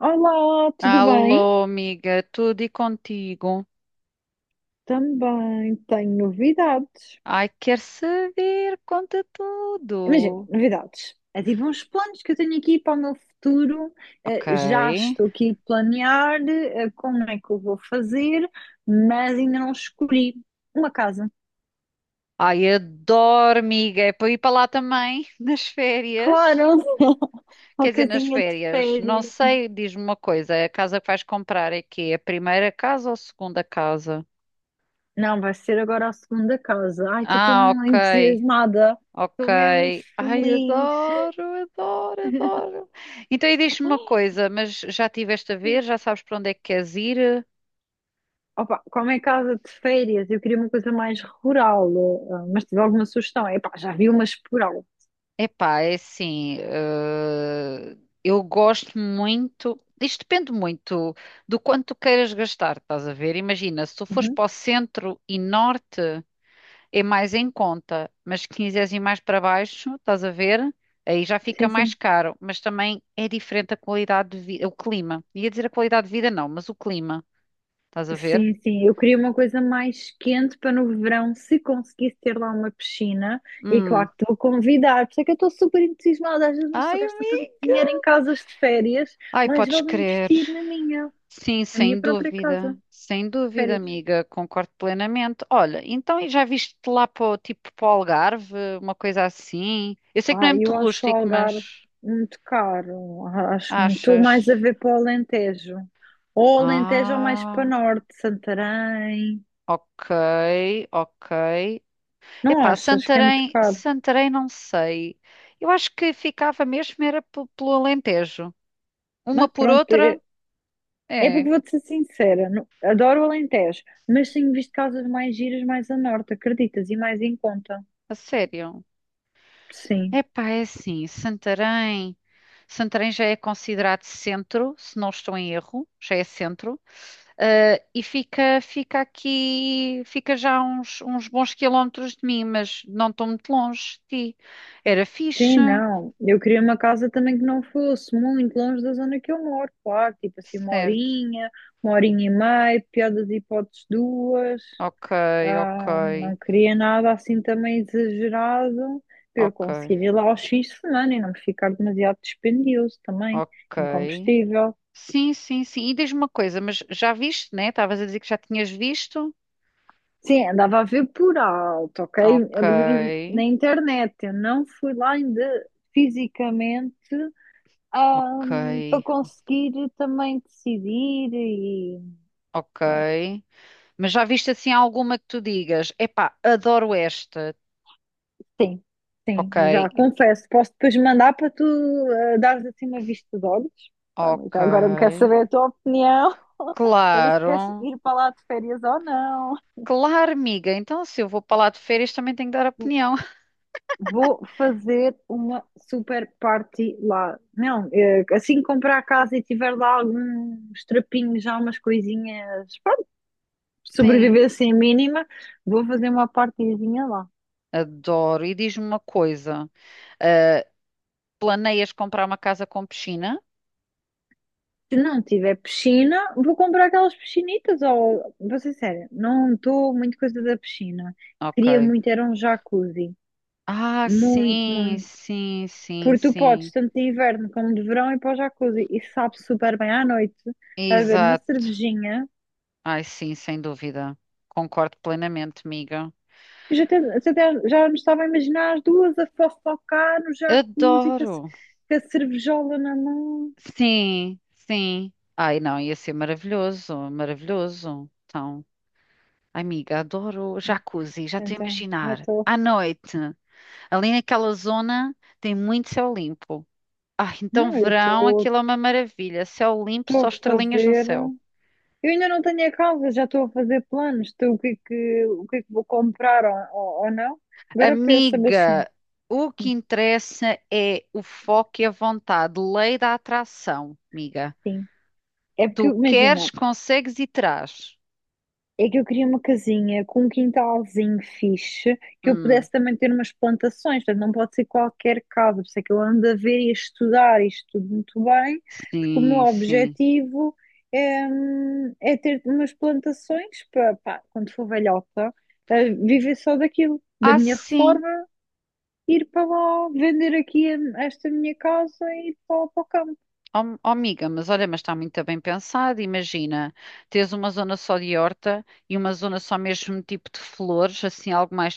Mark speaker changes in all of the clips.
Speaker 1: Olá, tudo bem?
Speaker 2: Alô, amiga, tudo e contigo?
Speaker 1: Também tenho novidades.
Speaker 2: Ai, quer saber? Conta
Speaker 1: Imagina,
Speaker 2: tudo.
Speaker 1: novidades. É tipo uns planos que eu tenho aqui para o meu futuro. Já
Speaker 2: Ok.
Speaker 1: estou aqui a planear, como é que eu vou fazer, mas ainda não escolhi uma casa.
Speaker 2: Ai, adoro, amiga. É para ir para lá também, nas férias.
Speaker 1: Claro, uma
Speaker 2: Quer dizer, nas
Speaker 1: casinha de
Speaker 2: férias. Não
Speaker 1: férias.
Speaker 2: sei, diz-me uma coisa. A casa que vais comprar é quê? A primeira casa ou a segunda casa?
Speaker 1: Não, vai ser agora a segunda casa. Ai, estou
Speaker 2: Ah,
Speaker 1: tão
Speaker 2: ok.
Speaker 1: entusiasmada.
Speaker 2: Ok.
Speaker 1: Estou mesmo
Speaker 2: Ai,
Speaker 1: feliz.
Speaker 2: adoro, adoro, adoro. Então, e diz-me uma coisa, mas já estiveste a ver? Já sabes para onde é que queres ir?
Speaker 1: Opa, como é casa de férias, eu queria uma coisa mais rural, mas tive alguma sugestão. Epá, já vi umas por alto.
Speaker 2: Epá, é assim, eu gosto muito, isto depende muito do quanto tu queiras gastar, estás a ver? Imagina, se tu fores
Speaker 1: Uhum.
Speaker 2: para o centro e norte, é mais em conta, mas se quiseres ir mais para baixo, estás a ver? Aí já fica
Speaker 1: Sim,
Speaker 2: mais
Speaker 1: sim.
Speaker 2: caro, mas também é diferente a qualidade de vida, o clima. Ia dizer a qualidade de vida, não, mas o clima, estás a ver?
Speaker 1: Sim, sim, eu queria uma coisa mais quente para no verão, se conseguisse ter lá uma piscina, e
Speaker 2: Hum.
Speaker 1: claro que estou a convidar, por isso é que eu estou super entusiasmada, às vezes uma pessoa
Speaker 2: Ai,
Speaker 1: gasta tanto
Speaker 2: amiga.
Speaker 1: dinheiro em casas de férias,
Speaker 2: Ai,
Speaker 1: mas
Speaker 2: podes
Speaker 1: vale não
Speaker 2: crer.
Speaker 1: investir
Speaker 2: Sim,
Speaker 1: na minha
Speaker 2: sem
Speaker 1: própria casa
Speaker 2: dúvida, sem
Speaker 1: de
Speaker 2: dúvida,
Speaker 1: férias.
Speaker 2: amiga, concordo plenamente. Olha, então e já viste lá para o tipo para o Algarve, uma coisa assim? Eu sei que não é
Speaker 1: Ah,
Speaker 2: muito
Speaker 1: eu acho o
Speaker 2: rústico,
Speaker 1: Algarve
Speaker 2: mas
Speaker 1: muito caro. Acho muito
Speaker 2: achas?
Speaker 1: mais a ver para o Alentejo. Ou Alentejo ou mais para
Speaker 2: Ah,
Speaker 1: norte, Santarém.
Speaker 2: ok, ok.
Speaker 1: Não
Speaker 2: Epá,
Speaker 1: achas que é muito
Speaker 2: Santarém,
Speaker 1: caro?
Speaker 2: Santarém não sei. Eu acho que ficava mesmo era pelo Alentejo. Uma
Speaker 1: Mas
Speaker 2: por
Speaker 1: pronto,
Speaker 2: outra?
Speaker 1: é, é
Speaker 2: É,
Speaker 1: porque vou-te ser sincera. Não- adoro o Alentejo, mas tenho visto casas mais giras mais a norte, acreditas? E mais em conta.
Speaker 2: a sério.
Speaker 1: Sim.
Speaker 2: Epá, é assim, Santarém. Santarém já é considerado centro, se não estou em erro, já é centro. E fica, fica aqui, fica já uns, uns bons quilómetros de mim, mas não estou muito longe de ti. Era fixe,
Speaker 1: Sim, não. Eu queria uma casa também que não fosse muito longe da zona que eu moro, claro. Tipo assim,
Speaker 2: certo?
Speaker 1: uma horinha e meia, pior das hipóteses, duas.
Speaker 2: Ok, ok,
Speaker 1: Ah, não queria nada assim também exagerado para eu
Speaker 2: ok,
Speaker 1: conseguir ir lá aos fins de semana e não me ficar demasiado dispendioso também,
Speaker 2: ok.
Speaker 1: em combustível.
Speaker 2: Sim, sim, sim. E diz-me uma coisa, mas já viste, né? Estavas a dizer que já tinhas visto?
Speaker 1: Sim, andava a ver por alto, ok?
Speaker 2: Ok,
Speaker 1: Eu nem- na internet, eu não fui lá ainda fisicamente, ah,
Speaker 2: ok,
Speaker 1: para conseguir também decidir e
Speaker 2: ok. Mas já viste assim alguma que tu digas, epá, adoro esta.
Speaker 1: sim, sim,
Speaker 2: Ok,
Speaker 1: já confesso. Posso depois mandar para tu dares assim uma vista de olhos? Pá, mas
Speaker 2: ok.
Speaker 1: já agora me quero saber a tua opinião, para ver se queres
Speaker 2: Claro.
Speaker 1: ir para lá de férias ou não.
Speaker 2: Claro, amiga. Então, se eu vou para lá de férias, também tenho que dar opinião.
Speaker 1: Vou fazer uma super party lá. Não, assim que comprar a casa e tiver lá alguns trapinhos, já umas coisinhas, pronto,
Speaker 2: Sim,
Speaker 1: sobreviver assim a mínima, vou fazer uma partyzinha lá.
Speaker 2: adoro. E diz-me uma coisa. Ah, planeias comprar uma casa com piscina?
Speaker 1: Se não tiver piscina, vou comprar aquelas piscinitas. Ou, vou ser séria, não estou muito coisa da piscina. Queria
Speaker 2: Ok.
Speaker 1: muito, era um jacuzzi.
Speaker 2: Ah,
Speaker 1: Muito,
Speaker 2: sim,
Speaker 1: muito.
Speaker 2: sim, sim,
Speaker 1: Porque tu podes,
Speaker 2: sim.
Speaker 1: tanto de inverno como de verão, ir para o jacuzzi. E sabe super bem à noite, a beber uma
Speaker 2: Exato.
Speaker 1: cervejinha.
Speaker 2: Ai, sim, sem dúvida. Concordo plenamente, amiga.
Speaker 1: Eu já, até, já até- já me estava a imaginar as duas a fofocar no jacuzzi com a,
Speaker 2: Adoro.
Speaker 1: ce- com a cervejola na mão.
Speaker 2: Sim, sim. Ai, não, ia ser maravilhoso, maravilhoso. Então, amiga, adoro jacuzzi, já estou a
Speaker 1: Então, já
Speaker 2: imaginar.
Speaker 1: estou.
Speaker 2: À noite, ali naquela zona tem muito céu limpo. Ah, então
Speaker 1: Não, eu
Speaker 2: verão,
Speaker 1: estou
Speaker 2: aquilo é uma maravilha. Céu limpo, só
Speaker 1: a
Speaker 2: estrelinhas no
Speaker 1: fazer.
Speaker 2: céu.
Speaker 1: Eu ainda não tenho a casa, já estou a fazer planos de o que é que, o que é que vou comprar ou não. Agora pensa, mas sim,
Speaker 2: Amiga, o que interessa é o foco e a vontade. Lei da atração, amiga.
Speaker 1: sim. É
Speaker 2: Tu
Speaker 1: porque,
Speaker 2: queres,
Speaker 1: imagina,
Speaker 2: consegues e terás.
Speaker 1: é que eu queria uma casinha com um quintalzinho fixe, que eu
Speaker 2: Hum,
Speaker 1: pudesse também ter umas plantações, portanto não pode ser qualquer casa, por isso é que eu ando a ver e a estudar isto tudo muito bem, porque o meu
Speaker 2: sim, sim.
Speaker 1: objetivo é, é ter umas plantações para, pá, quando for velhota, viver só daquilo, da
Speaker 2: Ah,
Speaker 1: minha
Speaker 2: sim.
Speaker 1: reforma ir para lá, vender aqui a- esta minha casa e ir para, para o campo.
Speaker 2: Ó, oh, amiga, mas olha, mas está muito bem pensado. Imagina, tens uma zona só de horta e uma zona só mesmo tipo de flores, assim, algo mais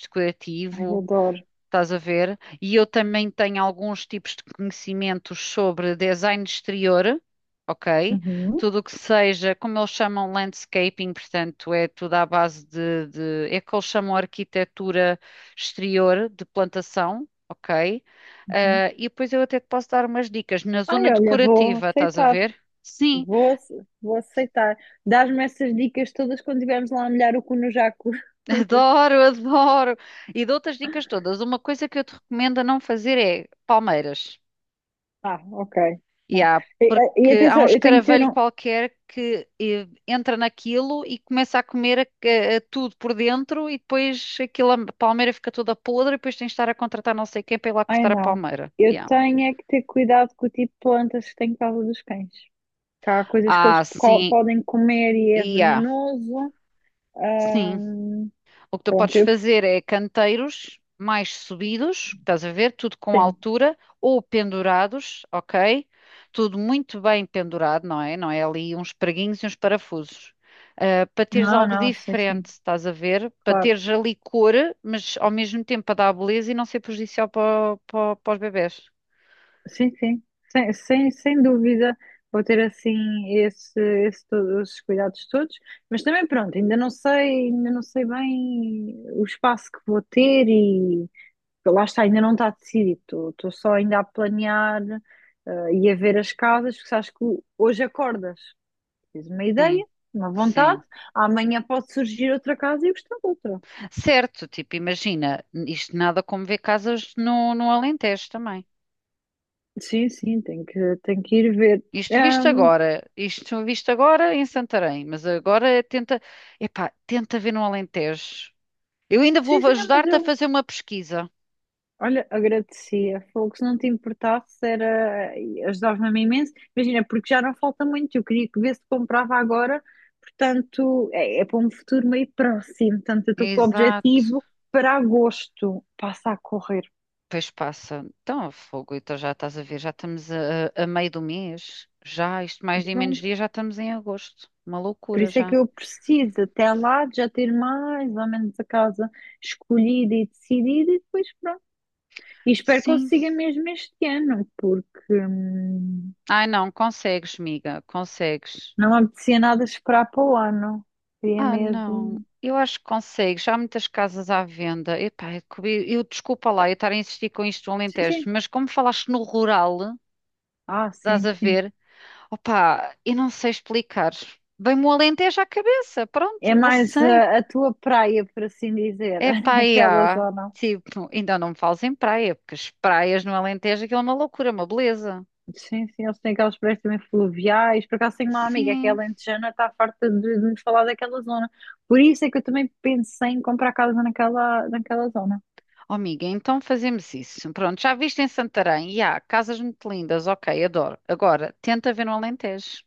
Speaker 1: Ai,
Speaker 2: decorativo.
Speaker 1: adoro.
Speaker 2: Estás a ver? E eu também tenho alguns tipos de conhecimentos sobre design de exterior, ok?
Speaker 1: Uhum,
Speaker 2: Tudo o que seja, como eles chamam landscaping, portanto, é tudo à base é que eles chamam arquitetura exterior de plantação, ok?
Speaker 1: uhum.
Speaker 2: Ah, e depois eu até te posso dar umas dicas na
Speaker 1: Ai,
Speaker 2: zona
Speaker 1: olha, vou
Speaker 2: decorativa, estás a
Speaker 1: aceitar.
Speaker 2: ver? Sim,
Speaker 1: Vou, ace- vou aceitar. Dás-me essas dicas todas quando estivermos lá a molhar o cu no jaco.
Speaker 2: adoro, adoro. E dou outras dicas todas. Uma coisa que eu te recomendo a não fazer é palmeiras.
Speaker 1: Ah, ok. Não.
Speaker 2: Yeah,
Speaker 1: E, e-
Speaker 2: porque há um
Speaker 1: atenção, eu tenho que ter
Speaker 2: escaravelho
Speaker 1: um.
Speaker 2: qualquer que entra naquilo e começa a comer a tudo por dentro e depois aquilo, a palmeira fica toda podre e depois tens de estar a contratar não sei quem para ir lá
Speaker 1: Ai,
Speaker 2: cortar a
Speaker 1: não.
Speaker 2: palmeira.
Speaker 1: Eu
Speaker 2: Yeah.
Speaker 1: tenho é que ter cuidado com o tipo de plantas que tem em casa dos cães. Que há coisas que eles
Speaker 2: Ah,
Speaker 1: co-
Speaker 2: sim.
Speaker 1: podem comer e é
Speaker 2: Yeah.
Speaker 1: venenoso. Ah,
Speaker 2: Sim. O que tu podes
Speaker 1: pronto, eu.
Speaker 2: fazer é canteiros mais subidos, estás a ver? Tudo com
Speaker 1: Sim.
Speaker 2: altura ou pendurados, ok? Tudo muito bem pendurado, não é? Não é ali uns preguinhos e uns parafusos. Ah, para teres
Speaker 1: Não,
Speaker 2: algo
Speaker 1: não, sim,
Speaker 2: diferente,
Speaker 1: sim.
Speaker 2: estás a ver? Para
Speaker 1: Claro.
Speaker 2: teres ali cor, mas ao mesmo tempo para dar beleza e não ser prejudicial para os bebés.
Speaker 1: Sim, sim, sem, sem, sem dúvida vou ter assim esse, esse, todos, esses cuidados todos, mas também pronto, ainda não sei bem o espaço que vou ter e lá está, ainda não está decidido, estou só ainda a planear e a ver as casas, porque sabes que hoje acordas, tens uma
Speaker 2: Sim,
Speaker 1: ideia, uma vontade,
Speaker 2: sim.
Speaker 1: amanhã pode surgir outra casa e eu gostar de outra.
Speaker 2: Certo, tipo, imagina, isto nada como ver casas no Alentejo também.
Speaker 1: Sim, sim, tenho que ir ver. Ahm,
Speaker 2: Isto visto agora em Santarém, mas agora tenta, epá, tenta ver no Alentejo. Eu ainda vou
Speaker 1: sim, sim, não, mas
Speaker 2: ajudar-te a
Speaker 1: eu
Speaker 2: fazer uma pesquisa.
Speaker 1: olha, agradecia. Falou que se não te importasse, era... ajudava-me imenso. Imagina, porque já não falta muito. Eu queria que vê-se comprava agora, portanto, é, é para um futuro meio próximo. Portanto, eu estou com o
Speaker 2: Exato.
Speaker 1: objetivo para agosto. Passa a correr.
Speaker 2: Pois passa. Então, fogo, então já estás a ver, já estamos a meio do mês. Já, isto mais de menos
Speaker 1: Pronto.
Speaker 2: dia, já estamos em agosto. Uma
Speaker 1: Por
Speaker 2: loucura
Speaker 1: isso é
Speaker 2: já.
Speaker 1: que eu preciso, até lá, de já ter mais ou menos a casa escolhida e decidida, e depois pronto. E espero que
Speaker 2: Sim.
Speaker 1: consiga mesmo este ano, porque
Speaker 2: Ai não, consegues, miga, consegues.
Speaker 1: não me apetecia nada esperar para o ano. Queria
Speaker 2: Ah, não.
Speaker 1: mesmo.
Speaker 2: Eu acho que consegue. Já há muitas casas à venda. Epá, desculpa lá eu estar a insistir com isto no
Speaker 1: Sim,
Speaker 2: Alentejo,
Speaker 1: sim.
Speaker 2: mas como falaste no rural,
Speaker 1: Ah,
Speaker 2: estás
Speaker 1: sim,
Speaker 2: a
Speaker 1: sim.
Speaker 2: ver? Opá, eu não sei explicar. Vem-me o Alentejo à cabeça.
Speaker 1: É
Speaker 2: Pronto, não
Speaker 1: mais
Speaker 2: sei.
Speaker 1: a, tua praia, por assim dizer,
Speaker 2: É
Speaker 1: aquela
Speaker 2: praia.
Speaker 1: zona.
Speaker 2: Tipo, ainda não me fales em praia, porque as praias no Alentejo aquilo é uma loucura, uma beleza.
Speaker 1: Sim, sim, eles têm aquelas praias também fluviais. Por acaso tenho uma amiga que é
Speaker 2: Sim.
Speaker 1: alentejana, está farta de me falar daquela zona. Por isso é que eu também pensei em comprar casa naquela, naquela zona.
Speaker 2: Oh, amiga, então fazemos isso. Pronto, já viste em Santarém? E há casas muito lindas, ok, adoro. Agora, tenta ver no Alentejo.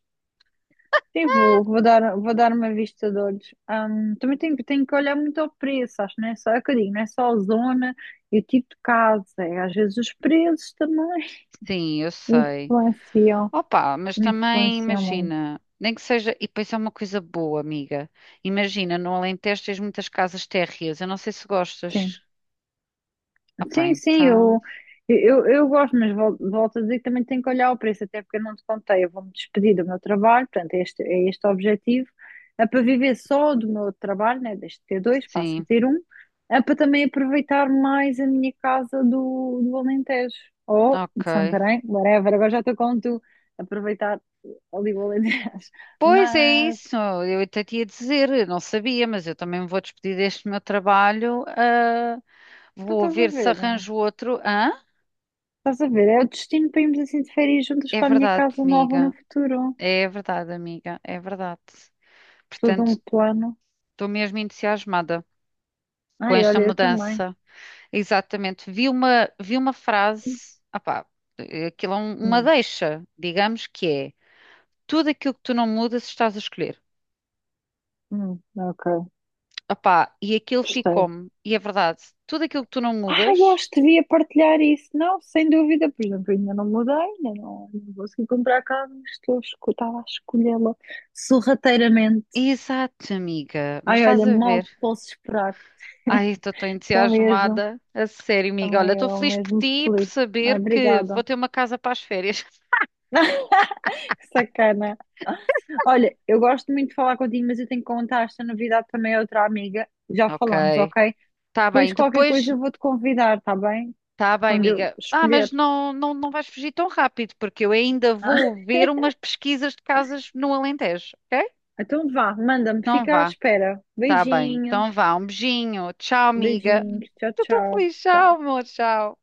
Speaker 1: Sim, vou, vou dar uma vista de olhos. Também tenho, tenho que olhar muito ao preço, acho, não é só, é o que eu digo, não é só a zona e o tipo de casa, é, às vezes os preços também
Speaker 2: Sim, eu sei.
Speaker 1: influenciam,
Speaker 2: Opa, mas também
Speaker 1: influenciam muito.
Speaker 2: imagina, nem que seja, e depois é uma coisa boa, amiga. Imagina, no Alentejo tens muitas casas térreas, eu não sei se
Speaker 1: Sim.
Speaker 2: gostas. Opa,
Speaker 1: Sim, sim,
Speaker 2: então,
Speaker 1: eu gosto, mas vol- volto, a dizer que também tenho que olhar o preço, até porque eu não te contei, eu vou-me despedir do meu trabalho, portanto, é este o objetivo, é para viver só do meu trabalho, né, deixo de ter dois, passo a
Speaker 2: sim,
Speaker 1: ter um, é para também aproveitar mais a minha casa do, do Alentejo, ou de
Speaker 2: ok.
Speaker 1: Santarém, whatever, agora já estou com tu, aproveitar ali o Alentejo,
Speaker 2: Pois é
Speaker 1: mas...
Speaker 2: isso, eu até te ia dizer, eu não sabia, mas eu também me vou despedir deste meu trabalho. Ah,
Speaker 1: Tu
Speaker 2: vou ver se arranjo outro. Hã?
Speaker 1: estás a ver, é o destino para irmos assim de férias juntas
Speaker 2: É
Speaker 1: para a minha
Speaker 2: verdade,
Speaker 1: casa nova no
Speaker 2: amiga.
Speaker 1: futuro.
Speaker 2: É verdade, amiga. É verdade.
Speaker 1: Todo
Speaker 2: Portanto,
Speaker 1: um plano.
Speaker 2: estou mesmo entusiasmada com
Speaker 1: Ai,
Speaker 2: esta
Speaker 1: olha, eu também.
Speaker 2: mudança. Exatamente. Vi uma frase, opá, aquilo é uma
Speaker 1: Hum,
Speaker 2: deixa, digamos que é tudo aquilo que tu não mudas estás a escolher.
Speaker 1: ok,
Speaker 2: Opá, e aquilo
Speaker 1: gostei.
Speaker 2: ficou-me, e é verdade, tudo aquilo que tu não
Speaker 1: Ah, eu
Speaker 2: mudas,
Speaker 1: acho que devia partilhar isso. Não, sem dúvida. Por exemplo, eu ainda não mudei, ainda não, não consegui comprar casa, mas estou a esco- estava a escolhê-la sorrateiramente.
Speaker 2: exato, amiga, mas
Speaker 1: Ai,
Speaker 2: estás
Speaker 1: olha,
Speaker 2: a
Speaker 1: mal
Speaker 2: ver.
Speaker 1: posso esperar.
Speaker 2: Ai, estou tão
Speaker 1: Estou mesmo,
Speaker 2: entusiasmada. A sério, amiga. Olha,
Speaker 1: também
Speaker 2: estou
Speaker 1: eu
Speaker 2: feliz por
Speaker 1: mesmo
Speaker 2: ti e por
Speaker 1: feliz. Ai,
Speaker 2: saber que vou
Speaker 1: obrigada.
Speaker 2: ter uma casa para as férias.
Speaker 1: Sacana. Olha, eu gosto muito de falar contigo, mas eu tenho que contar esta novidade também a outra amiga. Já falamos,
Speaker 2: Ok,
Speaker 1: ok?
Speaker 2: está
Speaker 1: Depois
Speaker 2: bem.
Speaker 1: qualquer
Speaker 2: Depois
Speaker 1: coisa eu vou-te convidar, tá bem?
Speaker 2: tá bem,
Speaker 1: Quando eu
Speaker 2: amiga. Ah,
Speaker 1: escolher.
Speaker 2: mas não, não, não vais fugir tão rápido, porque eu ainda
Speaker 1: Ah,
Speaker 2: vou ver umas pesquisas de casas no Alentejo, ok?
Speaker 1: então vá, manda-me,
Speaker 2: Então
Speaker 1: fica à
Speaker 2: vá,
Speaker 1: espera.
Speaker 2: tá bem. Então
Speaker 1: Beijinhos,
Speaker 2: vá, um beijinho. Tchau, amiga.
Speaker 1: beijinhos, tchau,
Speaker 2: Estou tão
Speaker 1: tchau,
Speaker 2: feliz.
Speaker 1: tchau.
Speaker 2: Tchau, amor. Tchau.